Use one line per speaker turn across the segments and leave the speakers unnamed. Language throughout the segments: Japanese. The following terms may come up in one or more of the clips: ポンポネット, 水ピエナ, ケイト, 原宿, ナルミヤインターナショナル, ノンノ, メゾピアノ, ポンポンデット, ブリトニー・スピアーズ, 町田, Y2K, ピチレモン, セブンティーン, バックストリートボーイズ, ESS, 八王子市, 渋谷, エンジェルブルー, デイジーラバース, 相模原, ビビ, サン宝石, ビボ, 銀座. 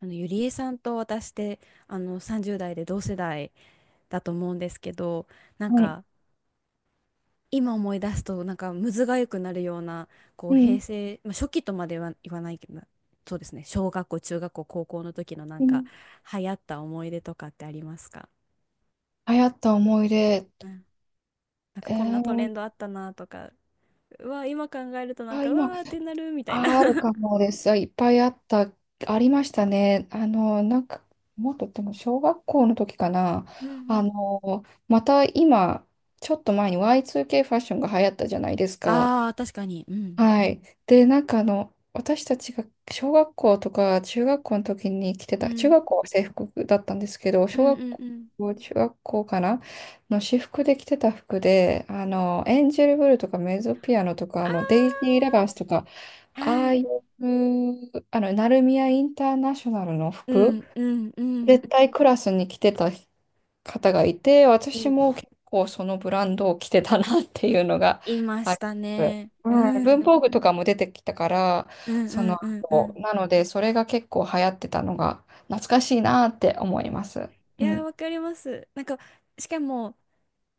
ゆりえさんと私って、30代で同世代だと思うんですけど、なん
はい。
か、今思い出すと、なんか、むずがゆくなるような、こう、
う
平
ん。
成、まあ、初期とまでは言わないけど、そうですね、小学校、中学校、高校の時のなん
う
か、
ん。
流行った思い出とかってありますか？
流行った思い出、
うん。なんか、
え
こんなトレ
ー、
ンドあったなとか、うわ、今考えるとなん
あ、
か、う
今、
わーってなるみたいな
あるかも です。あいっぱいあった、ありましたね。なんか、もっとでも小学校の時かな。
うんうん。
また今、ちょっと前に Y2K ファッションが流行ったじゃないですか。
ああ、確かに。うん。
はい。で、なんか私たちが小学校とか中学校の時に着て
う
た、中
ん。
学校は制服だったんですけど、
う
小
ん
学
うん
校、
うん。
中学校かなの私服で着てた服で、エンジェルブルーとかメゾピアノとか、デイジ
あ
ーラバースとか、
あ、
ああ
は
い
い。
う、ナルミヤインターナショナルの
う
服、
んうんうん。
絶対クラスに着てた方がいて、私
い、
も結構そのブランドを着てたなっていうのが
いま
あ
し
り
た
ます。
ね。う
うん、文
ん。
房具とかも出てきたから、
うん
そ
う
の
んうんう
後、
ん。
なので、それが結構流行ってたのが懐かしいなって思います。
い
う
やー、
ん。
わかります。なんか、しかも、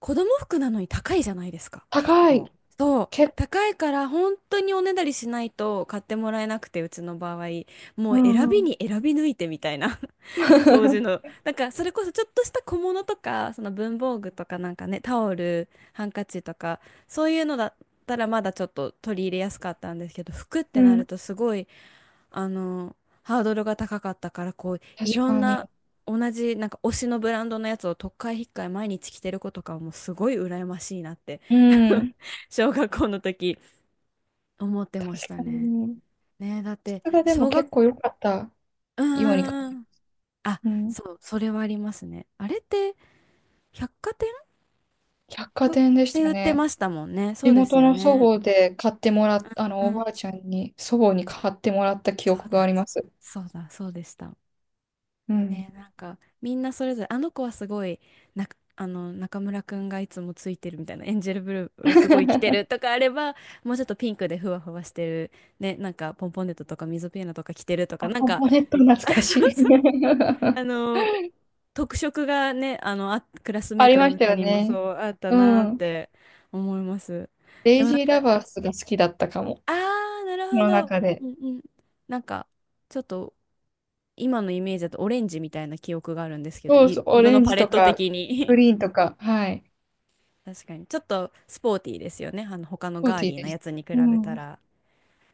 子供服なのに高いじゃないですか、結
高
構。
い。
そう。
結構、
高いから、本当におねだりしないと買ってもらえなくて、うちの場合。も
う
う
ん
選
う
び
ん。
に選び抜いてみたいな 当時の。なんか、それこそちょっとした小物とか、その文房具とかなんかね、タオル、ハンカチとか、そういうのだったらまだちょっと取り入れやすかったんですけど、服って
う
なる
ん。
と すごい、あの、ハードルが高かったから、こう、い
確
ろん
かに。
な、同じ、なんか推しのブランドのやつをとっかえひっかえ毎日着てる子とかはもうすごい羨ましいなって
うん。
小学校の時思って
確
ました
か
ね。
に。
ねえ、だっ
質
て、
がでも
小学、
結構良かった
う
ように感
ー
じる。
ん。あ、
うん。
そう、それはありますね。あれって、百貨店
百貨
とっ
店でし
て
た
売ってま
ね。
したもんね。そ
地
うです
元
よ
の祖
ね。
母で買ってもらっあ
う
の、お
ん。
ばあちゃんに、祖母に買ってもらった記
そう
憶があ
だ。
ります。
そうだ、そうでした。
う
ね、
ん。
なんかみんなそれぞれあの子はすごいな、あの中村くんがいつもついてるみたいなエンジェルブルーがすごい着てるとかあれば、もうちょっとピンクでふわふわしてるね、なんかポンポンデットとか水ピエナとか着てるとか
あ、
なん
ポン
か、
ポネット懐
あ、そ
かし
う
い。
そう、あ の特色がね、クラスメ
あ
ー
り
トの
ました
中
よ
にも
ね。
そうあった
う
なーっ
ん。
て思います。
デ
で
イ
もな
ジ
ん
ーラ
か、
バースが好きだったかも。こ
あーなるほ
の
ど。
中で。
うんうん。なんかちょっと今のイメージだとオレンジみたいな記憶があるんですけど、
そうそう、オ
色
レ
の
ン
パ
ジ
レ
と
ット
か、
的
グ
に。
リーンとか、はい。
確かに。ちょっとスポーティーですよね。他の
ポー
ガー
ティー
リーな
でし
や
た。
つに比
う
べた
ん。
ら。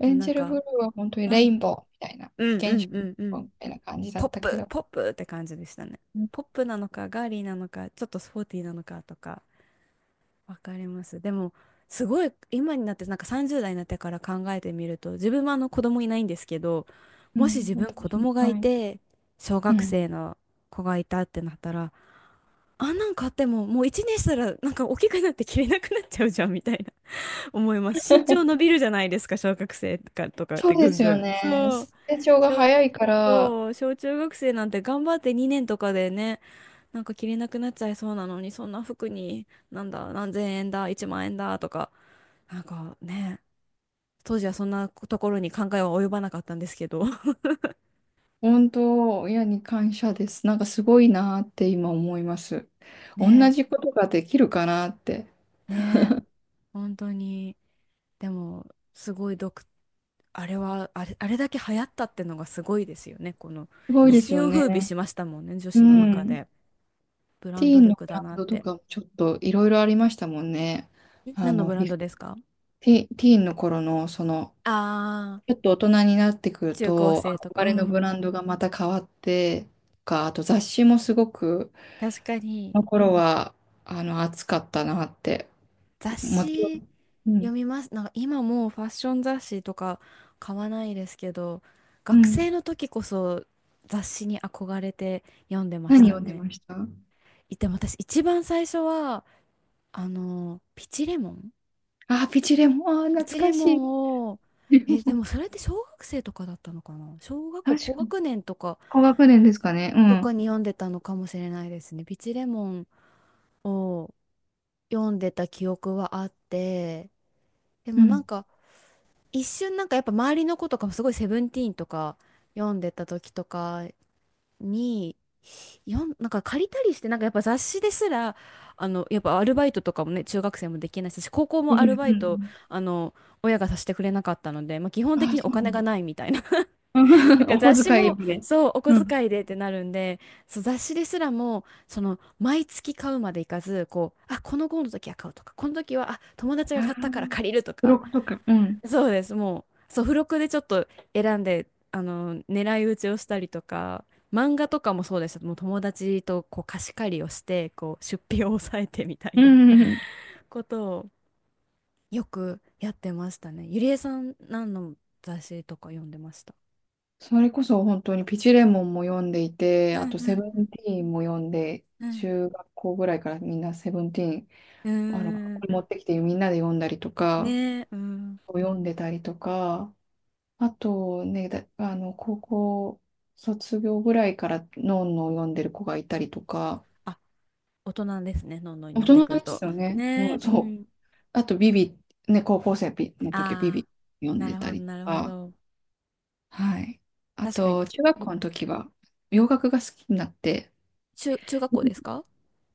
エ
でも
ン
な
ジ
ん
ェルブル
か、
ーは本当に
う
レイン
ん、
ボーみたいな、
うんう
現
んうんう
象み
ん。
たいな感じだ
ポッ
ったけ
プ、
ど。
ポップって感じでしたね。
うん。
ポップなのか、ガーリーなのか、ちょっとスポーティーなのかとか、わかります。でも、すごい、今になって、なんか30代になってから考えてみると、自分はあの子供いないんですけど、
う
もし
ん、
自分
私
子供がい
はい。
て、小
う
学
ん、
生の子がいたってなったら、あんなん買ってももう1年したらなんか大きくなって着れなくなっちゃうじゃんみたいな。 思います。身長伸びるじゃないですか、小学生とか、っ
そう
てぐ
で
ん
す
ぐ
よ
ん。
ね。
そう
成長が
小、
早いから、
そう、小中学生なんて頑張って2年とかでね、なんか着れなくなっちゃいそうなのにそんな服になんだ何千円だ1万円だとか、なんかね、当時はそんなところに考えは及ばなかったんですけど。
本当、親に感謝です。なんかすごいなって今思います。同
ね
じことができるかなって。
ねえ、本当に。でも、すごい独、あれは、あれ、あれだけ流行ったってのがすごいですよね。この
すごい
一
です
世
よ
を風靡
ね。
しましたもんね、女
う
子の
ん
中
ん。
で。ブラ
テ
ン
ィー
ド
ンの
力
ブラ
だ
ン
なっ
ドと
て。
かもちょっといろいろありましたもんね。
何のブラン
ひ
ドですか？
ティ、ティーンの頃の、
あ
ち
あ
ょっと大人になってく
ー、
る
中高
と、
生とか。
憧
う
れのブ
ん。
ランドがまた変わって、とか、あと雑誌もすごく、
確かに、
この頃は、熱かったなって。
雑
もちろ
誌
ん。うん。
読みます。なんか今もうファッション雑誌とか買わないですけど、
う
学
ん。
生の時こそ雑誌に憧れて読んでまし
何
た
読んで
ね。
ました？
でも私一番最初はあのピチレモン
あ、ピチレモン。あー、
ピ
懐
チレ
か
モ
しい。
ンを、でもそれって小学生とかだったのかな、小学校
確
高
かに。
学年とか
高学年ですかね。う
とか
ん。
に読んでたのかもしれないですね。ピチレモンを読んでた記憶はあって、で
う
もなん
ん。
か一瞬、なんかやっぱ周りの子とかもすごい「セブンティーン」とか読んでた時とかになんか借りたりして、なんかやっぱ雑誌ですら、やっぱアルバイトとかもね、中学生もできないし、高校
ピ
も
チ
ア
レモ
ル
ン。
バイ
う
ト、
ん。
あの、親がさせてくれなかったので、まあ、基本的
あー、
にお
そうな
金がないみたいな。
の。
だか ら
お
雑
小
誌
遣い
も、
まで。
そう、お
う
小
ん。
遣いでってなるんで、そう、雑誌ですらも、その、毎月買うまでいかず、こう、あ、この号の時は買うとか、この時は、あ、友達が
ああ、
買ったから借りると
ブロ
か、
ックとか。うん。
そうです。もう、そう、付録でちょっと選んで、狙い撃ちをしたりとか、漫画とかもそうでした。もう友達とこう貸し借りをして、こう出費を抑えてみたい
う
な
んうんうん。
ことをよくやってましたね。ゆりえさん、何の雑誌とか読んでました？
それこそ本当にピチレモンも読んでい
う
て、あ
ん
とセブ
うん
ンティーンも読んで、
うん
中学校ぐらいからみんなセブンティーン、
うん。
こ
うーん。
こに持ってきてみんなで読んだりとか、
ねえ、うん。
読んでたりとか、あとね、だ、あの、高校卒業ぐらいからノンノを読んでる子がいたりとか、
あ、大人ですね、のんのに
大
なって
人
くる
で
と。
すよね。
ね
う
え、
ん、
う
そう。
ん。
あと、ビビ、ね、高校生の時はビ
ああ、
ビ読ん
な
で
るほ
た
ど、
りと
なるほ
か、
ど。
はい。あ
確かに。
と、中学校の時は洋楽が好きになって、
中学校ですか？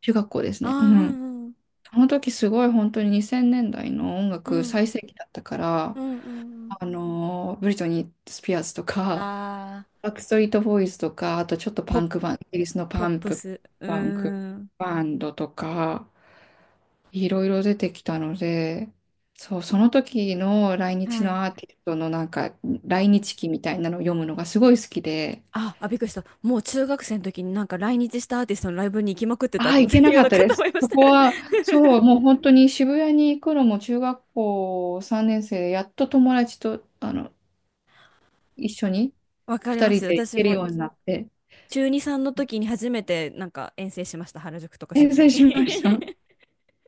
中学校です
ああ
ね。う
ー、う
ん。
んうん
あの時すごい本当に2000年代の音
う
楽
ん、
最盛期だったか
う
ら、
ん、うん。うん。
ブリトニー・スピアーズとか、
ああ、
バックストリートボーイズとか、あとちょっとパ
ポ、
ンクバン、イギリスの
ポップス。う
パンク
ーん。
バンドとか、いろいろ出てきたので、そう、その時の来日
はい。
のアーティストのなんか、来日記みたいなのを読むのがすごい好きで、
あ、びっくりした。もう中学生の時になんか来日したアーティストのライブに行きまくってたっ
あ
て
あ、行けな
いう
かっ
の
た
か
で
と思
す。
いまし
そ
た。
こ は、そう、もう本当に渋谷に行くのも中学校3年生で、やっと友達と、一緒に
わかり
2
ま
人
す。
で行
私
ける
も
ようになって、
中2、3の時に初めてなんか遠征しました。原宿とか
遠
渋谷
征
に。
しました。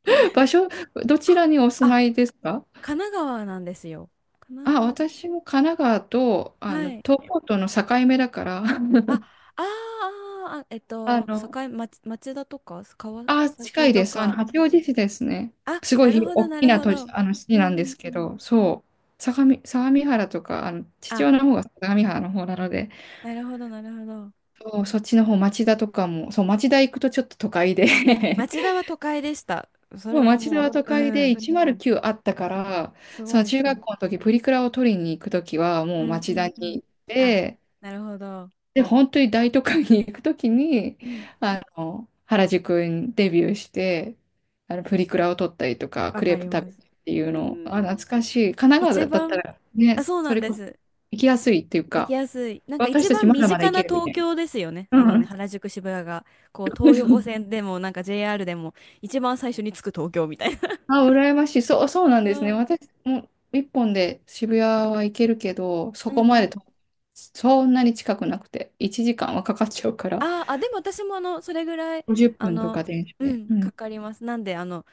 場所、どちらにお住
あ、
まいですか？
神奈川なんですよ。神奈
あ、
川。
私も神奈川と、
はい。
東京都の境目だから、
あ、
あの、
町田とか、川
あ、近
崎
い
と
です。
か。
八王子市ですね。
あ、
すご
な
い
る
ひ
ほど、
大
な
き
る
な
ほ
都
ど。
市、
うん
市
う
なんで
ん
す
う
け
ん。
ど、そう。相模原とか、父
あ、
親の方が相模原の方なので、
なるほど、なるほど。
そう、そっちの方、町田とかも、そう、町田行くとちょっと都会で
あ、町田 は都会でした。そ
も
れ
う
は
町田
も
は
う、
都会
う
で
ん、
109あったから、
す
そ
ご
の
い。
中
う
学
ん、
校の時、プリクラを取りに行く時は、
う
もう
ん、う
町田
ん
に
うん。
行っ
あ、
て、
なるほど。
で、本当に大都会に行くときに、
うん、
原宿にデビューして、プリクラを撮ったりとか、
わ
クレ
か
ープ
り
食
ま
べ
す。
てってい
う
うのを、あ、
ん、
懐かしい。神奈
一
川だった
番、
らね、
あ、そうな
そ
ん
れ
で
こそ
す。
行きやすいっていう
行き
か、
やすい。なんか
私
一
たち
番
ま
身
だまだ
近
行け
な
るみた
東
い
京ですよね。
な。うん。
原宿渋谷が、こう、東横 線でも、なんか JR でも、一番最初に着く東京みたいな。
あ、羨ましい。そう、そうなん
そう
ですね。
ん、
私も一本で渋谷は行けるけど、そ
うん
こま
う
で
ん。
と、そんなに近くなくて、1時間はかかっちゃうから、
あーあ、でも私もあの、それぐらい、
50
あ
分と
の、
か電車
う
で。
ん、
う
か
ん。
かります。なんで、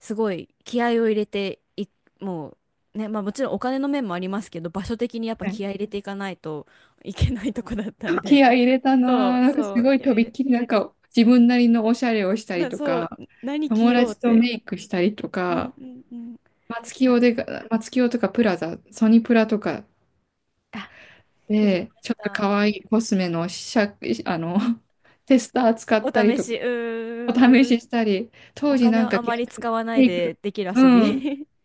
すごい気合を入れてもうね、まあもちろんお金の面もありますけど、場所的にやっぱ気合入れていかないといけないとこだったん
気
で。
合い入れた
そ
なぁ。
う
なんかす
そう、
ごい
気合
と
入
びっ
れ、
きりなんか自分なりのおしゃれをしたり
な、
と
そう、
か、
何着
友
ようっ
達と
て。
メイクしたりと
うん
か、
うんうん。
松
は
清で、松清とかプラザ、ソニプラとか
あ、言え
で、
ま
ち
し
ょっと
た。
可愛いコスメの試写、あの、テスター使
お
ったり
試
と
し、
か、
う
お
ーん。
試ししたり、当
お
時な
金
ん
を
か
あ
ギ
まり
ャル
使わない
メイクとか、
でできる遊
うん、
び。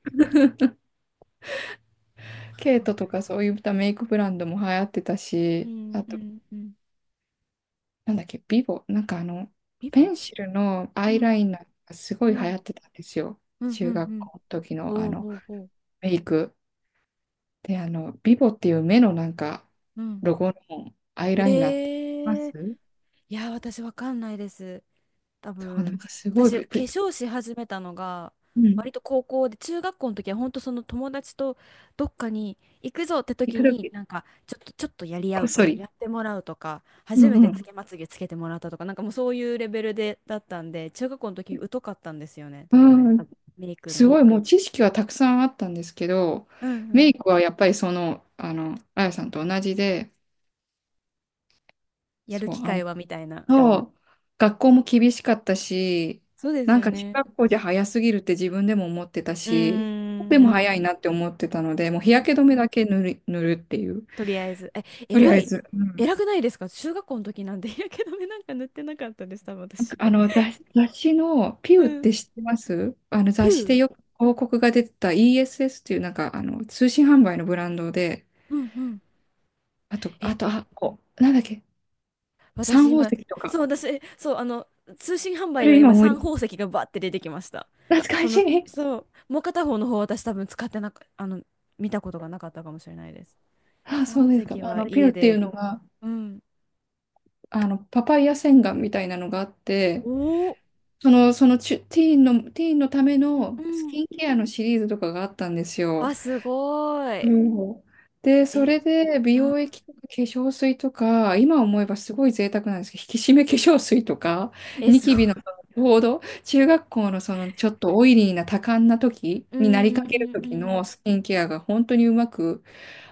ケイトとかそういったメイクブランドも流行ってた
う
し、
ん
あ
う
と
んうん。
なんだっけ、ビボ、なんか
リ
ペ
ボ。
ンシルのア
う
イラ
ん
イナーがすご
う
い流行
ん
ってたんですよ。
うんう
中
んう
学校
ん。
の時のあ
おう
の、
おうおう。
メイク。で、あの、ビボっていう目のなんか、
うん。
ロゴのアイライナーってありま
ええ。
す？
いや、私わかんないです。多
そう、なん
分
かすごい、
私化
ぶぶ
粧し始めたのが
うん、
割と高校で、中学校の時は本当その友達とどっかに行くぞって
時
時
々
になんかちょっとちょっとやり
こ
合
っ
うと
そ
か
り。
やってもらうとか、
う
初め
んう
てつ
ん。
けまつげつけてもらったとか、なんかもうそういうレベルでだったんで、中学校の時疎かったんですよね多分。
うん、
メイク
す
の、
ごいもう知識はたくさんあったんですけど、
うんう
メ
ん、
イクはやっぱりあやさんと同じで、
やる
そう、
機
あ
会
ん
はみたいな。
そう、学校も厳しかったし、
そうです
なん
よ
か中
ね。
学校じゃ早すぎるって自分でも思ってた
うー
し、で
ん、う
も早
ん
いなって思ってたので、もう
う
日
ん、
焼け止めだけ塗るっていう。
とりあえず。え、
とり
偉
あえ
い。
ず、
偉くないですか、中学校の時なんで日焼け止め なんか塗ってなかったです、多分私。
あの雑誌のピ
う
ューっ
ん。
て知ってます？あの
ピ
雑誌
ュー。
でよく広告が出てた ESS っていうなんかあの通信販売のブランドで、
うんうん。
あと、あ
え、
と、あ、こう、なんだっけ、サン
私
宝
今、
石とか。
そう、私、そう、通信販売
そ
で
れ
は
今
今、
思い
三
出す。
宝石がバッて出てきました。
懐か
そ
し
の、
い。
そう、もう片方の方、私多分使ってなか、あの、見たことがなかったかもしれないです。
あ、
三
そう
宝
ですか。
石
あ
は
の、ピュ
家
ーっていう
で、
のが、
うん。
あの、パパイヤ洗顔みたいなのがあって、
おお、
その、そのチュ、ティーンの、ティーンのため
うん
のス
う
キ
ん。
ンケアのシリーズとかがあったんです
あ、
よ。
すごい。
そうで、そ
え、
れで美
うん。
容液とか化粧水とか、今思えばすごい贅沢なんですけど、引き締め化粧水とか、
え、
ニ
すご
キ
い。
ビのちょうど中学校のそのちょっとオイリーな多感な時
うん
にな
う
りか
んう
ける
んう
時の
ん。
スキンケアが本当にうまく、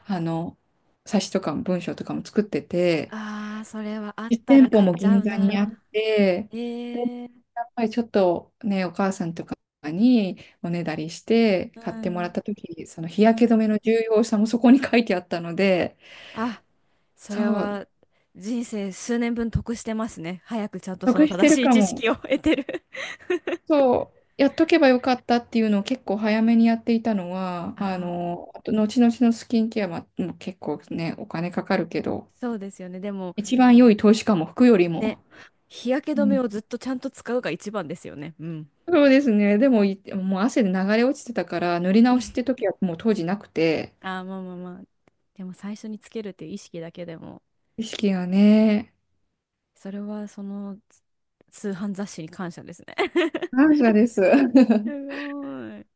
あの、冊子とかも文章とかも作ってて、
ああ、それはあっ
実
た
店
ら
舗
買っ
も
ちゃ
銀
う
座にあ
な。
って、
ええ。
やっぱりちょっとね、お母さんとかにおねだりして
う
買ってもらっ
ん、
た時、その日
う
焼け止
ん。
めの重要さもそこに書いてあったので、
あ、それ
そう、
は人生数年分得してますね。早くちゃんとその
得して
正
る
しい
か
知
も。
識を 得てる。
そう、やっとけばよかったっていうのを結構早めにやっていたのは、
ああ、
あと後々のスキンケアももう結構ね、お金かかるけど、
そうですよね。でも、
一番良い投資かも、服よりも。
ね、日焼け
う
止め
ん、
をずっとちゃんと使うが一番ですよね。うん。
そうですね。でも、いもう汗で流れ落ちてたから、塗り直しって 時はもう当時なくて、
ああ、まあまあまあ。でも最初につけるっていう意識だけでも、
意識がね。
それはその通販雑誌に感謝ですね。
感謝です。
すごい。